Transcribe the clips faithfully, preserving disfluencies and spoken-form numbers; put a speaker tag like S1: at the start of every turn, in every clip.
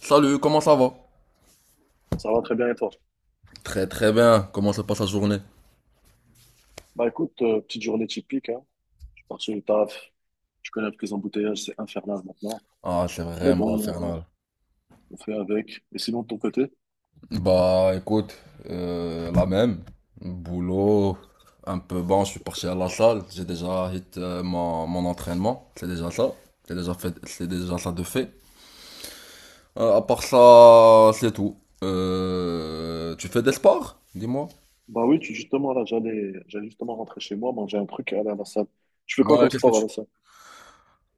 S1: Salut, comment ça va?
S2: Ça va très bien et toi?
S1: Très très bien, comment se passe la journée?
S2: Bah écoute, euh, petite journée typique, hein. Je suis parti du taf, je connais que les embouteillages, c'est infernal maintenant.
S1: Ah, c'est
S2: Mais
S1: vraiment
S2: bon,
S1: infernal.
S2: on fait avec. Et sinon de ton côté?
S1: Bah écoute, euh, la même. Boulot, un peu bon, je suis parti à la salle, j'ai déjà hit euh, mon, mon entraînement, c'est déjà ça. C'est déjà fait, c'est déjà ça de fait. Euh, à part ça, c'est tout. Euh, tu fais des sports? Dis-moi.
S2: Bah oui, tu, justement là, j'allais j'allais justement rentrer chez moi, manger un truc et aller à la salle. Tu fais quoi
S1: Ouais,
S2: comme
S1: qu'est-ce que
S2: sport à
S1: tu...
S2: la salle?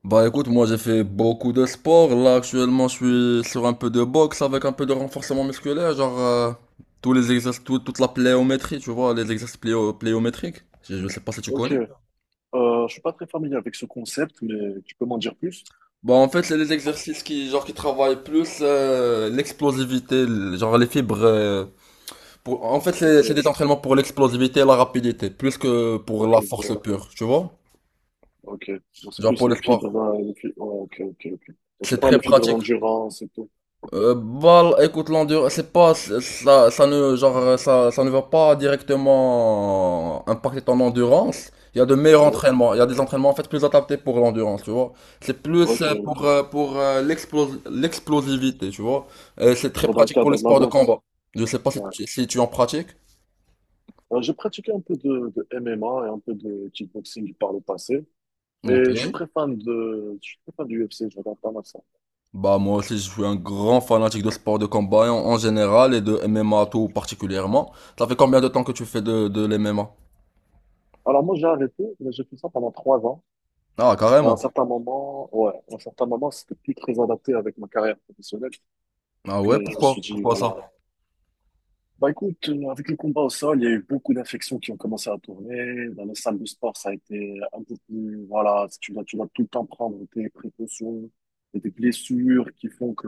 S1: Bah écoute, moi j'ai fait beaucoup de sport. Là actuellement, je suis sur un peu de boxe avec un peu de renforcement musculaire, genre euh, tous les exercices, tout- toute la pléométrie, tu vois, les exercices pléo- pléométriques. Je, je sais pas si tu
S2: Ok,
S1: connais.
S2: euh, je suis pas très familier avec ce concept, mais tu peux m'en dire plus?
S1: Bah en fait, c'est les exercices qui genre qui travaillent plus euh, l'explosivité, l- genre les fibres. Euh, pour- en fait, c'est c'est
S2: Ok,
S1: des entraînements pour l'explosivité et la rapidité, plus que pour
S2: ok,
S1: la force
S2: bon,
S1: pure, tu vois.
S2: ok. J'en sais
S1: Genre
S2: plus
S1: pour les
S2: les fibres,
S1: sports,
S2: euh, les fibres. Ok, ok, ok. J'en sais
S1: c'est
S2: pas
S1: très
S2: les fibres
S1: pratique.
S2: d'endurance et tout.
S1: Euh, bah, écoute, l'endurance, c'est pas, ça, ça ne, genre, euh, ça, ça ne va pas directement impacter ton endurance. Il y a de meilleurs
S2: Ouais,
S1: entraînements. Il y a des entraînements, en fait, plus adaptés pour l'endurance, tu vois. C'est plus
S2: ok,
S1: euh, pour,
S2: ok.
S1: euh, pour euh, l'explos- l'explosivité, tu vois. Et c'est très
S2: Genre dans le
S1: pratique pour
S2: cadre
S1: les
S2: de la
S1: sports de combat.
S2: boxe.
S1: Je sais pas si
S2: Ouais.
S1: tu, si tu en pratiques.
S2: Euh, j'ai pratiqué un peu de, de M M A et un peu de kickboxing par le passé. Et
S1: Ok.
S2: je suis très fan de, je suis très fan du U F C, je regarde pas mal ça.
S1: Bah, moi aussi, je suis un grand fanatique de sports de combat en, en général et de M M A tout particulièrement. Ça fait combien de temps que tu fais de, de l'M M A?
S2: Alors moi, j'ai arrêté, mais j'ai fait ça pendant trois ans.
S1: Ah,
S2: Et à un
S1: carrément.
S2: certain moment, ouais, à un certain moment, c'était plus très adapté avec ma carrière professionnelle
S1: Ah
S2: que
S1: ouais,
S2: je me
S1: pourquoi?
S2: suis dit,
S1: Pourquoi ça?
S2: voilà, bah écoute, euh, avec le combat au sol, il y a eu beaucoup d'infections qui ont commencé à tourner. Dans les salles de sport, ça a été un peu plus, voilà, tu dois, tu dois tout le temps prendre tes précautions et tes blessures qui font que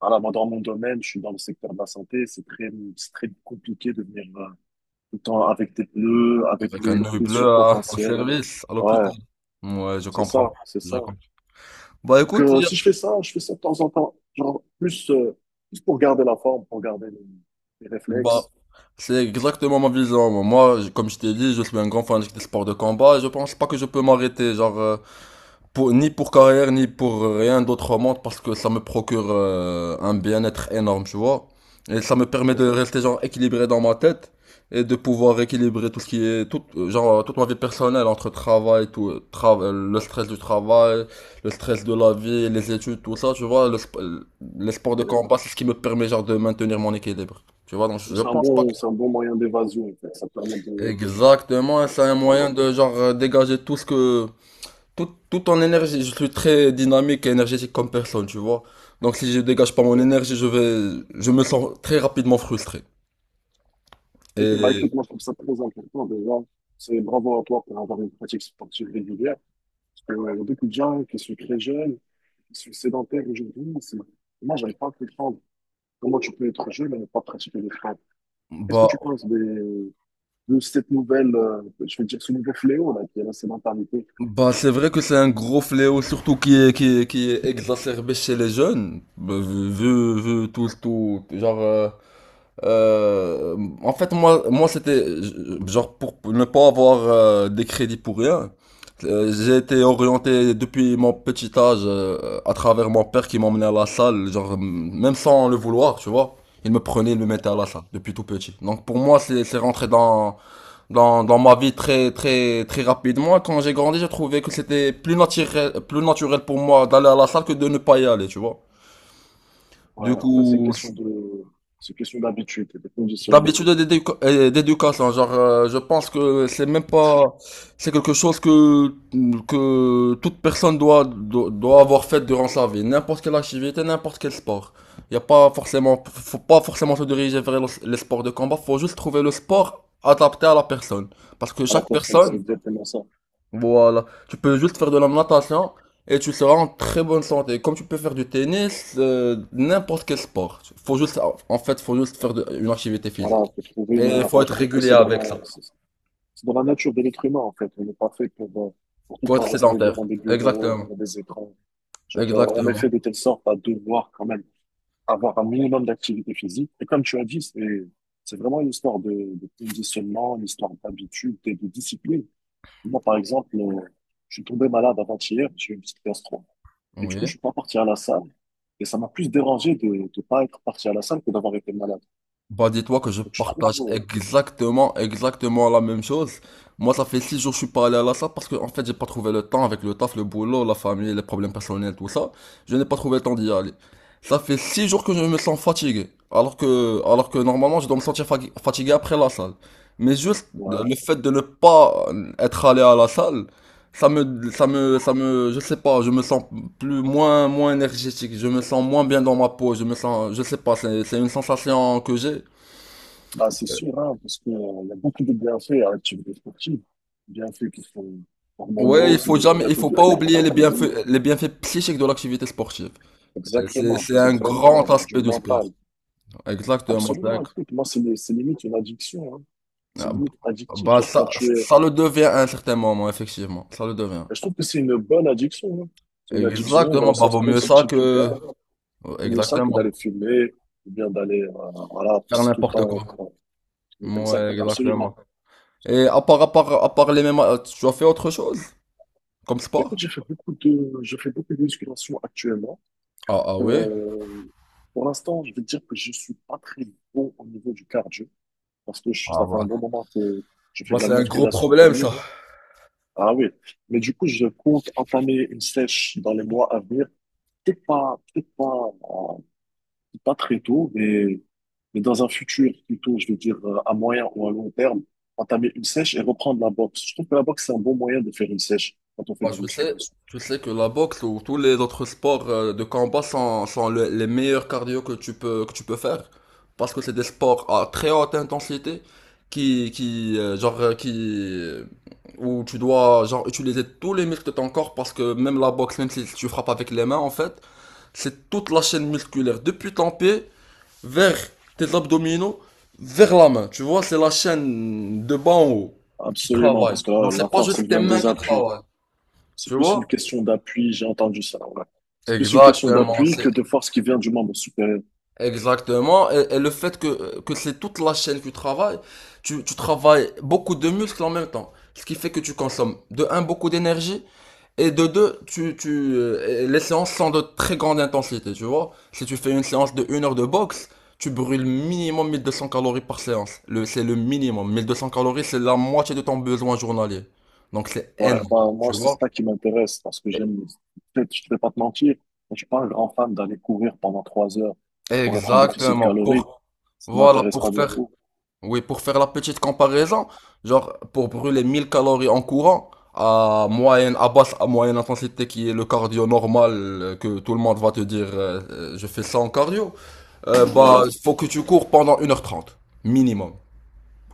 S2: voilà, moi, dans mon domaine, je suis dans le secteur de la santé. C'est très, c'est très compliqué de venir euh, tout le temps avec tes pneus, avec
S1: Avec
S2: tes
S1: un œil bleu
S2: blessures
S1: à- au
S2: potentielles.
S1: service, à
S2: Ouais,
S1: l'hôpital. Ouais, je
S2: c'est ça,
S1: comprends.
S2: c'est
S1: Je
S2: ça.
S1: comprends. Bah
S2: Donc,
S1: écoute,
S2: euh,
S1: hier-
S2: si je fais ça, je fais ça de temps en temps. Genre, plus, euh, plus pour garder la forme, pour garder les, les
S1: bah,
S2: réflexes.
S1: c'est exactement ma vision. Moi, je- comme je t'ai dit, je suis un grand fanatique des sports de combat et je pense pas que je peux m'arrêter. Genre, euh, pour, ni pour carrière, ni pour rien d'autre au monde, parce que ça me procure euh, un bien-être énorme, tu vois. Et ça me permet de rester genre équilibré dans ma tête et de pouvoir équilibrer tout ce qui est tout euh, genre toute ma vie personnelle entre travail tout tra- le stress du travail, le stress de la vie, les études, tout ça, tu vois, le sp- les sports de
S2: Euh,
S1: combat, c'est ce qui me permet genre de maintenir mon équilibre, tu vois. Donc je
S2: C'est un
S1: pense pas que...
S2: bon, c'est un bon moyen d'évasion, en fait. Ça permet de,
S1: Exactement, c'est un
S2: voilà.
S1: moyen de genre euh, dégager tout ce que tout, tout en énergie, je suis très dynamique et énergétique comme personne, tu vois. Donc si je dégage pas mon énergie, je vais, je me sens très rapidement frustré.
S2: Ok, bah
S1: Et
S2: écoute, moi je trouve ça très important déjà. C'est bravo à toi pour avoir une pratique sportive régulière. Parce que euh, il y a beaucoup de gens qui sont très jeunes, qui sont sédentaires aujourd'hui. c'est- Moi, j'arrive pas à comprendre comment tu peux être jeune et ne pas pratiquer le sport. Qu'est-ce que
S1: bah,
S2: tu penses des- De cette nouvelle, euh, je veux dire, ce nouveau fléau là, qui est la sédentarité?
S1: bah c'est vrai que c'est un gros fléau, surtout qui est, qui est, qui est exacerbé chez les jeunes, bah, vu, vu vu tout, tout, genre euh, Euh, en fait, moi, moi, c'était euh, genre pour ne pas avoir euh, des crédits pour rien. Euh, j'ai été orienté depuis mon petit âge euh, à travers mon père qui m'emmenait à la salle, genre m- même sans le vouloir, tu vois. Il me prenait, il me mettait à la salle depuis tout petit. Donc pour moi, c'est c'est rentré dans, dans dans ma vie très très très rapidement. Quand j'ai grandi, j'ai trouvé que c'était plus naturel plus naturel pour moi d'aller à la salle que de ne pas y aller, tu vois.
S2: Ouais,
S1: Du
S2: en fait, c'est une
S1: coup,
S2: question de, c'est une question d'habitude et de conditionnement
S1: d'habitude, d'éduca- euh, d'éducation, genre euh, je pense que c'est même pas, c'est quelque chose que que toute personne doit doit doit avoir fait durant sa vie, n'importe quelle activité, n'importe quel sport. Il y a pas forcément, faut pas forcément se diriger vers le- les sports de combat, faut juste trouver le sport adapté à la personne, parce que
S2: à la
S1: chaque
S2: personne. C'est
S1: personne,
S2: exactement ça.
S1: voilà, tu peux juste faire de la natation et tu seras en très bonne santé. Comme tu peux faire du tennis, euh, n'importe quel sport. Faut juste, en fait faut juste faire de- une activité physique.
S2: Voilà, faut trouver une,
S1: Et il faut
S2: bah, je
S1: être
S2: trouve que
S1: régulier
S2: c'est dans
S1: avec ça.
S2: la,
S1: Il
S2: c'est dans la nature de l'être humain, en fait. On n'est pas fait pour, euh, pour tout le
S1: faut être
S2: temps rester
S1: sédentaire.
S2: devant des bureaux,
S1: Exactement.
S2: devant des écrans. Genre, euh, on est
S1: Exactement.
S2: fait de telle sorte à devoir quand même avoir un minimum d'activité physique. Et comme tu as dit, c'est, c'est vraiment une histoire de, de conditionnement, une histoire d'habitude et de discipline. Moi, par exemple, euh, je suis tombé malade avant-hier, j'ai eu une petite gastro. Et du coup,
S1: Oui.
S2: je suis pas parti à la salle. Et ça m'a plus dérangé de ne pas être parti à la salle que d'avoir été malade.
S1: Bah dis-toi que je
S2: Donc, je trouve,
S1: partage
S2: euh,
S1: exactement, exactement la même chose. Moi, ça fait six jours que je suis pas allé à la salle, parce que en fait, j'ai pas trouvé le temps avec le taf, le boulot, la famille, les problèmes personnels, tout ça. Je n'ai pas trouvé le temps d'y aller. Ça fait six jours que je me sens fatigué. Alors que, alors que normalement, je dois me sentir fa- fatigué après la salle. Mais juste le
S2: ouais.
S1: fait de ne pas être allé à la salle, Ça me, ça me, ça me, je sais pas, je me sens plus, moins, moins énergétique, je me sens moins bien dans ma peau, je me sens, je sais pas, c'est, c'est une sensation que j'ai.
S2: Bah, c'est sûr, hein, parce qu'il y a beaucoup de bienfaits à l'activité sportive. Bienfaits qui sont
S1: Ouais,
S2: hormonaux,
S1: il
S2: c'est
S1: faut
S2: des
S1: jamais, il
S2: bienfaits
S1: faut
S2: qui sont
S1: pas oublier les
S2: métaboliques.
S1: bienfaits, les bienfaits psychiques de l'activité sportive. Euh, C'est,
S2: Exactement.
S1: c'est
S2: C'est
S1: un
S2: vraiment
S1: grand
S2: du
S1: aspect du sport.
S2: mental.
S1: Exactement, c'est un-
S2: Absolument. Écoute, moi, c'est les- c'est limite une addiction. Hein. C'est
S1: ah,
S2: limite addictif.
S1: bah,
S2: Genre, quand
S1: ça,
S2: tu es.
S1: ça le devient à un certain moment, effectivement. Ça le devient.
S2: Je trouve que c'est une bonne addiction, hein. C'est une addiction dans
S1: Exactement,
S2: le
S1: bah,
S2: sens
S1: vaut mieux ça
S2: positif du
S1: que,
S2: terme. C'est pour ça que
S1: exactement,
S2: d'aller fumer, ou bien d'aller, euh, voilà,
S1: faire
S2: tout le
S1: n'importe
S2: temps,
S1: quoi.
S2: en train. Exact,
S1: Ouais, exactement.
S2: absolument.
S1: Et à part, à part, à part les mêmes, tu as fait autre chose comme
S2: Mais
S1: sport?
S2: écoute, j'ai fait beaucoup de, je fais beaucoup de musculation actuellement.
S1: Ah, ah ouais?
S2: Euh, pour l'instant, je vais dire que je suis pas très bon au niveau du cardio parce que je suis,
S1: Ah
S2: ça fait un bon
S1: bah.
S2: moment que je fais
S1: Bah,
S2: de la
S1: c'est un gros
S2: musculation
S1: problème
S2: pure.
S1: ça.
S2: Ah oui, mais du coup, je compte entamer une sèche dans les mois à venir. Peut-être pas, peut-être pas, euh, pas très tôt, mais, mais dans un futur plutôt, je veux dire euh, à moyen ou à long terme, entamer une sèche et reprendre la boxe. Je trouve que la boxe, c'est un bon moyen de faire une sèche quand on fait
S1: Bah,
S2: de la
S1: je sais,
S2: musculation.
S1: tu sais que la boxe ou tous les autres sports euh, de combat sont, sont le- les meilleurs cardio que tu peux, que tu peux faire. Parce que c'est des sports à très haute intensité qui, qui, euh, genre, euh, qui, euh, où tu dois, genre, utiliser tous les muscles de ton corps parce que même la boxe, même si tu frappes avec les mains, en fait, c'est toute la chaîne musculaire depuis ton pied vers tes abdominaux, vers la main. Tu vois, c'est la chaîne de bas en haut qui
S2: Absolument,
S1: travaille.
S2: parce que là,
S1: Donc
S2: la
S1: c'est pas
S2: force, elle
S1: juste tes
S2: vient
S1: mains
S2: des
S1: qui
S2: appuis.
S1: travaillent.
S2: C'est
S1: Tu
S2: plus une
S1: vois?
S2: question d'appui, j'ai entendu ça, ouais. C'est plus une question
S1: Exactement,
S2: d'appui
S1: c'est
S2: que de force qui vient du membre supérieur.
S1: exactement. Et, et le fait que, que c'est toute la chaîne que tu travailles, tu, tu travailles beaucoup de muscles en même temps. Ce qui fait que tu consommes de un beaucoup d'énergie et de deux, tu, tu, euh, les séances sont de très grande intensité, tu vois. Si tu fais une séance de une heure de boxe, tu brûles minimum mille deux cents calories par séance. Le, c'est le minimum. Mille deux cents calories, c'est la moitié de ton besoin journalier. Donc c'est
S2: Ouais,
S1: énorme,
S2: bah,
S1: tu
S2: moi, c'est
S1: vois.
S2: ça qui m'intéresse parce que j'aime, peut-être, je ne vais pas te mentir, je suis pas un grand fan d'aller courir pendant trois heures pour être en déficit
S1: Exactement.
S2: calorique.
S1: Pour,
S2: Ça
S1: voilà,
S2: m'intéresse
S1: pour
S2: pas
S1: faire,
S2: beaucoup.
S1: Oui, pour faire la petite comparaison, genre pour brûler mille calories en courant, à moyenne, à basse, à moyenne intensité qui est le cardio normal euh, que tout le monde va te dire euh, euh, je fais ça en cardio, euh, bah
S2: Ouais,
S1: faut que tu cours pendant une heure trente, minimum.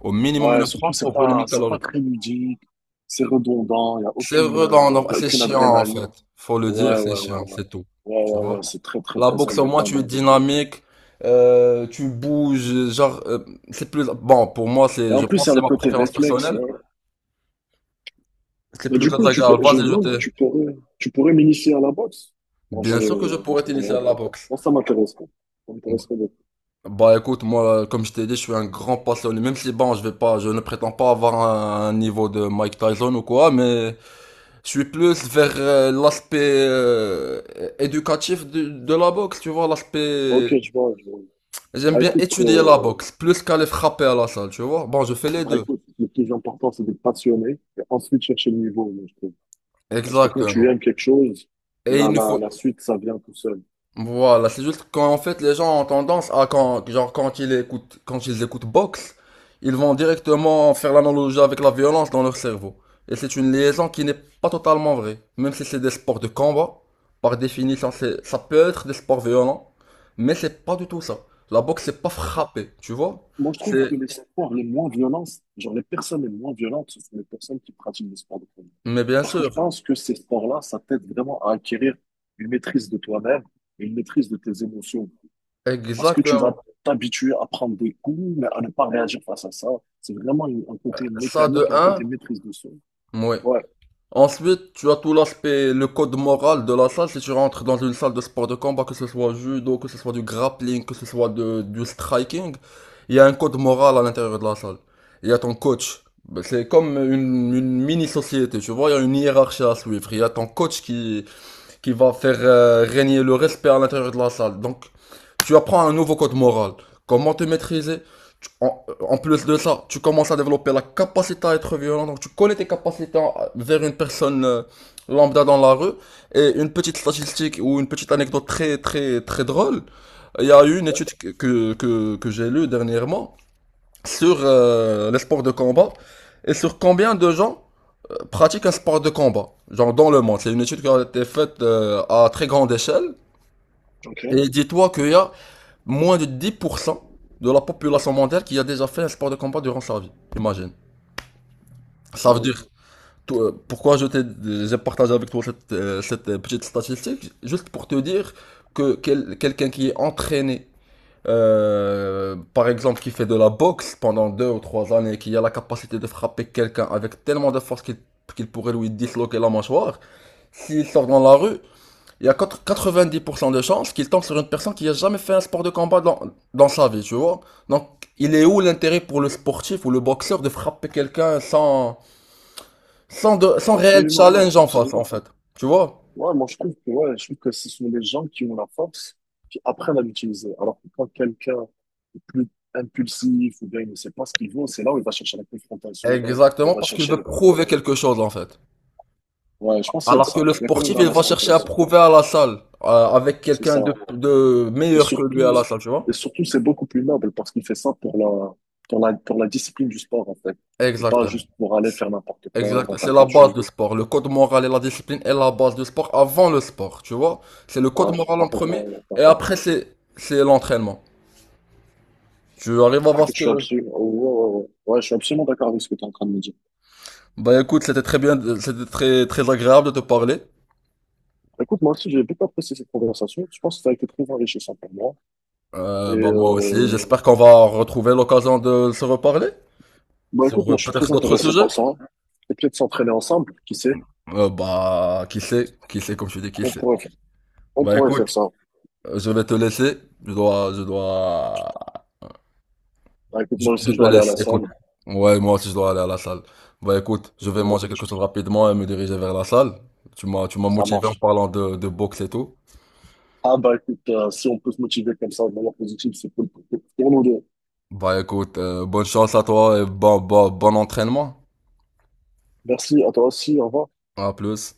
S1: Au minimum une
S2: ouais,
S1: heure
S2: surtout,
S1: trente
S2: c'est
S1: pour brûler
S2: pas,
S1: mille
S2: c'est pas
S1: calories.
S2: très ludique, c'est redondant, il y a
S1: C'est
S2: aucune, euh,
S1: redondant,
S2: y a
S1: c'est
S2: aucune
S1: chiant en
S2: adrénaline.
S1: fait. Faut le dire,
S2: Ouais,
S1: c'est
S2: ouais, ouais,
S1: chiant,
S2: ouais.
S1: c'est tout.
S2: Ouais,
S1: Tu
S2: ouais,
S1: vois?
S2: ouais, c'est très, très,
S1: La
S2: très
S1: boxe au moins
S2: embêtant,
S1: tu
S2: mais
S1: es
S2: bon.
S1: dynamique, euh, tu bouges, genre euh, c'est plus bon pour moi,
S2: Et
S1: c'est
S2: en
S1: je
S2: plus, il
S1: pense
S2: y
S1: que
S2: a
S1: c'est
S2: le
S1: ma
S2: côté
S1: préférence
S2: réflexe,
S1: personnelle.
S2: ouais.
S1: C'est
S2: Bah,
S1: plus
S2: du coup, tu peux,
S1: catégorique.
S2: je me
S1: Vas-y, je
S2: demande,
S1: t'ai.
S2: tu pourrais, tu pourrais m'initier à la boxe quand je,
S1: Bien sûr que je
S2: je
S1: pourrais
S2: prends la
S1: t'initier à la
S2: retraite.
S1: boxe.
S2: Moi, ça m'intéresserait. Ça
S1: B-
S2: m'intéresserait beaucoup.
S1: Bah écoute, moi, comme je t'ai dit, je suis un grand passionné. Même si, bon, je vais pas, je ne prétends pas avoir un, un niveau de Mike Tyson ou quoi, mais je suis plus vers euh, l'aspect euh, éducatif de, de la boxe, tu vois, l'aspect.
S2: Ok, je vois, je vois.
S1: J'aime
S2: Bah,
S1: bien
S2: écoute,
S1: étudier la
S2: euh,
S1: boxe, plus qu'aller frapper à la salle, tu vois. Bon, je fais les
S2: bah,
S1: deux.
S2: écoute, le plus important, c'est d'être passionné et ensuite chercher le niveau, moi, je trouve. Parce que quand tu
S1: Exactement.
S2: aimes quelque chose,
S1: Et
S2: la,
S1: il ne
S2: la,
S1: faut,
S2: la suite, ça vient tout seul.
S1: Voilà, c'est juste qu'en fait les gens ont tendance à quand genre quand ils écoutent quand ils écoutent boxe, ils vont directement faire l'analogie avec la violence dans leur cerveau. Et c'est une liaison qui n'est pas totalement vraie. Même si c'est des sports de combat, par définition, c'est ça peut être des sports violents, mais c'est pas du tout ça. La boxe c'est pas frapper, tu vois?
S2: Moi, je trouve
S1: C'est
S2: que les sports les moins violents, genre les personnes les moins violentes, ce sont les personnes qui pratiquent des sports de combat.
S1: Mais bien
S2: Parce que je
S1: sûr,
S2: pense que ces sports-là, ça t'aide vraiment à acquérir une maîtrise de toi-même et une maîtrise de tes émotions. Parce que tu vas
S1: exactement.
S2: t'habituer à prendre des coups, mais à ne pas réagir face à ça. C'est vraiment une- un côté
S1: Ça de
S2: mécanique, un
S1: un,
S2: côté maîtrise de soi.
S1: oui.
S2: Ouais,
S1: Ensuite, tu as tout l'aspect, le code moral de la salle. Si tu rentres dans une salle de sport de combat, que ce soit judo, que ce soit du grappling, que ce soit de- du striking, il y a un code moral à l'intérieur de la salle. Il y a ton coach. Ben, c'est comme une, une mini-société, tu vois, il y a une hiérarchie à suivre. Il y a ton coach qui, qui va faire euh, régner le respect à l'intérieur de la salle. Donc, tu apprends un nouveau code moral. Comment te maîtriser. Tu- en, En plus de ça, tu commences à développer la capacité à être violent. Donc, tu connais tes capacités vers une personne euh, lambda dans la rue. Et une petite statistique ou une petite anecdote très, très, très drôle. Il y a eu une étude que, que, que- que j'ai lue dernièrement sur euh, les sports de combat, et sur combien de gens pratiquent un sport de combat, genre dans le monde. C'est une étude qui a été faite euh, à très grande échelle. Et
S2: ok.
S1: dis-toi qu'il y a moins de dix pour cent de la population mondiale qui a déjà fait un sport de combat durant sa vie. Imagine. Ça
S2: Ah
S1: veut
S2: ouais,
S1: dire, toi, euh, pourquoi je t'ai, j'ai partagé avec toi cette, euh, cette euh, petite statistique, juste pour te dire que quel- quelqu'un qui est entraîné, euh, par exemple, qui fait de la boxe pendant deux ou trois années, qui a la capacité de frapper quelqu'un avec tellement de force qu'il qu'il pourrait lui disloquer la mâchoire, s'il sort dans la rue, il y a quatre- vingt dix pour cent de chances qu'il tombe sur une personne qui a jamais fait un sport de combat dans, dans sa vie, tu vois. Donc, il est où l'intérêt pour le sportif ou le boxeur de frapper quelqu'un sans, sans, de, sans réel
S2: absolument,
S1: challenge en face, en
S2: absolument.
S1: fait? Tu vois?
S2: Ouais, moi je trouve que ouais, je trouve que ce sont les gens qui ont la force, qui apprennent à l'utiliser. Alors que quand quelqu'un est plus impulsif ou bien il ne sait pas ce qu'il veut, c'est là où il va chercher la confrontation, où
S1: Exactement,
S2: il va
S1: parce qu'il
S2: chercher
S1: veut
S2: le problème.
S1: prouver quelque chose, en fait.
S2: Ouais, je pense qu'il y a de
S1: Alors que
S2: ça.
S1: le
S2: Il y a quand même
S1: sportif, il
S2: un
S1: va
S2: aspect
S1: chercher
S2: comme
S1: à
S2: ça.
S1: prouver à la salle, euh, avec
S2: C'est
S1: quelqu'un
S2: ça.
S1: de, de
S2: Et
S1: meilleur que lui à
S2: surtout,
S1: la salle, tu
S2: et
S1: vois?
S2: surtout, c'est beaucoup plus noble parce qu'il fait ça pour la, pour la, pour la discipline du sport, en fait. Et pas
S1: Exactement.
S2: juste pour aller faire n'importe quoi, à
S1: Exact,
S2: droite à
S1: c'est la
S2: gauche,
S1: base
S2: ou,
S1: du sport. Le code moral et la discipline est la base du sport avant le sport, tu vois. C'est le code
S2: voilà, je sais
S1: moral
S2: pas
S1: en premier,
S2: comment, par-
S1: et
S2: bah,
S1: après c'est c'est l'entraînement. Tu arrives à
S2: bah,
S1: voir
S2: écoute,
S1: ce
S2: je suis
S1: que...
S2: absolument, oh, ouais, ouais, ouais. Ouais, je suis absolument d'accord avec ce que tu es en train de me dire.
S1: Bah écoute, c'était très bien, c'était très très agréable de te parler.
S2: Écoute, moi aussi, j'ai beaucoup apprécié cette conversation. Je pense que ça a été très enrichissant pour moi. Et,
S1: Euh, bah moi aussi,
S2: euh,
S1: j'espère qu'on va retrouver l'occasion de se reparler
S2: bah,
S1: sur
S2: écoute,
S1: euh,
S2: moi, je suis
S1: peut-être
S2: très
S1: d'autres
S2: intéressé
S1: sujets.
S2: par ça. Et peut-être s'entraîner ensemble, qui sait?
S1: Euh, bah qui sait, qui sait comme tu dis, qui
S2: On
S1: sait.
S2: pourrait, on
S1: Bah
S2: pourrait faire
S1: écoute,
S2: ça.
S1: euh, je vais te laisser. Je dois, je dois.
S2: Bah, écoute,
S1: Je,
S2: moi
S1: je
S2: aussi, je
S1: te
S2: dois aller à
S1: laisse,
S2: la
S1: écoute.
S2: salle.
S1: Ouais, moi aussi je dois aller à la salle. Bah écoute, je vais manger
S2: Et je-
S1: quelque chose rapidement et me diriger vers la salle. Tu m'as, tu m'as
S2: Ça
S1: motivé en
S2: marche.
S1: parlant de, de boxe et tout.
S2: Ah bah écoute, euh, si on peut se motiver comme ça de manière positive, c'est cool pour, pour nous deux.
S1: Bah écoute, euh, bonne chance à toi et bon, bon, bon entraînement.
S2: Merci à toi aussi, au revoir.
S1: À plus.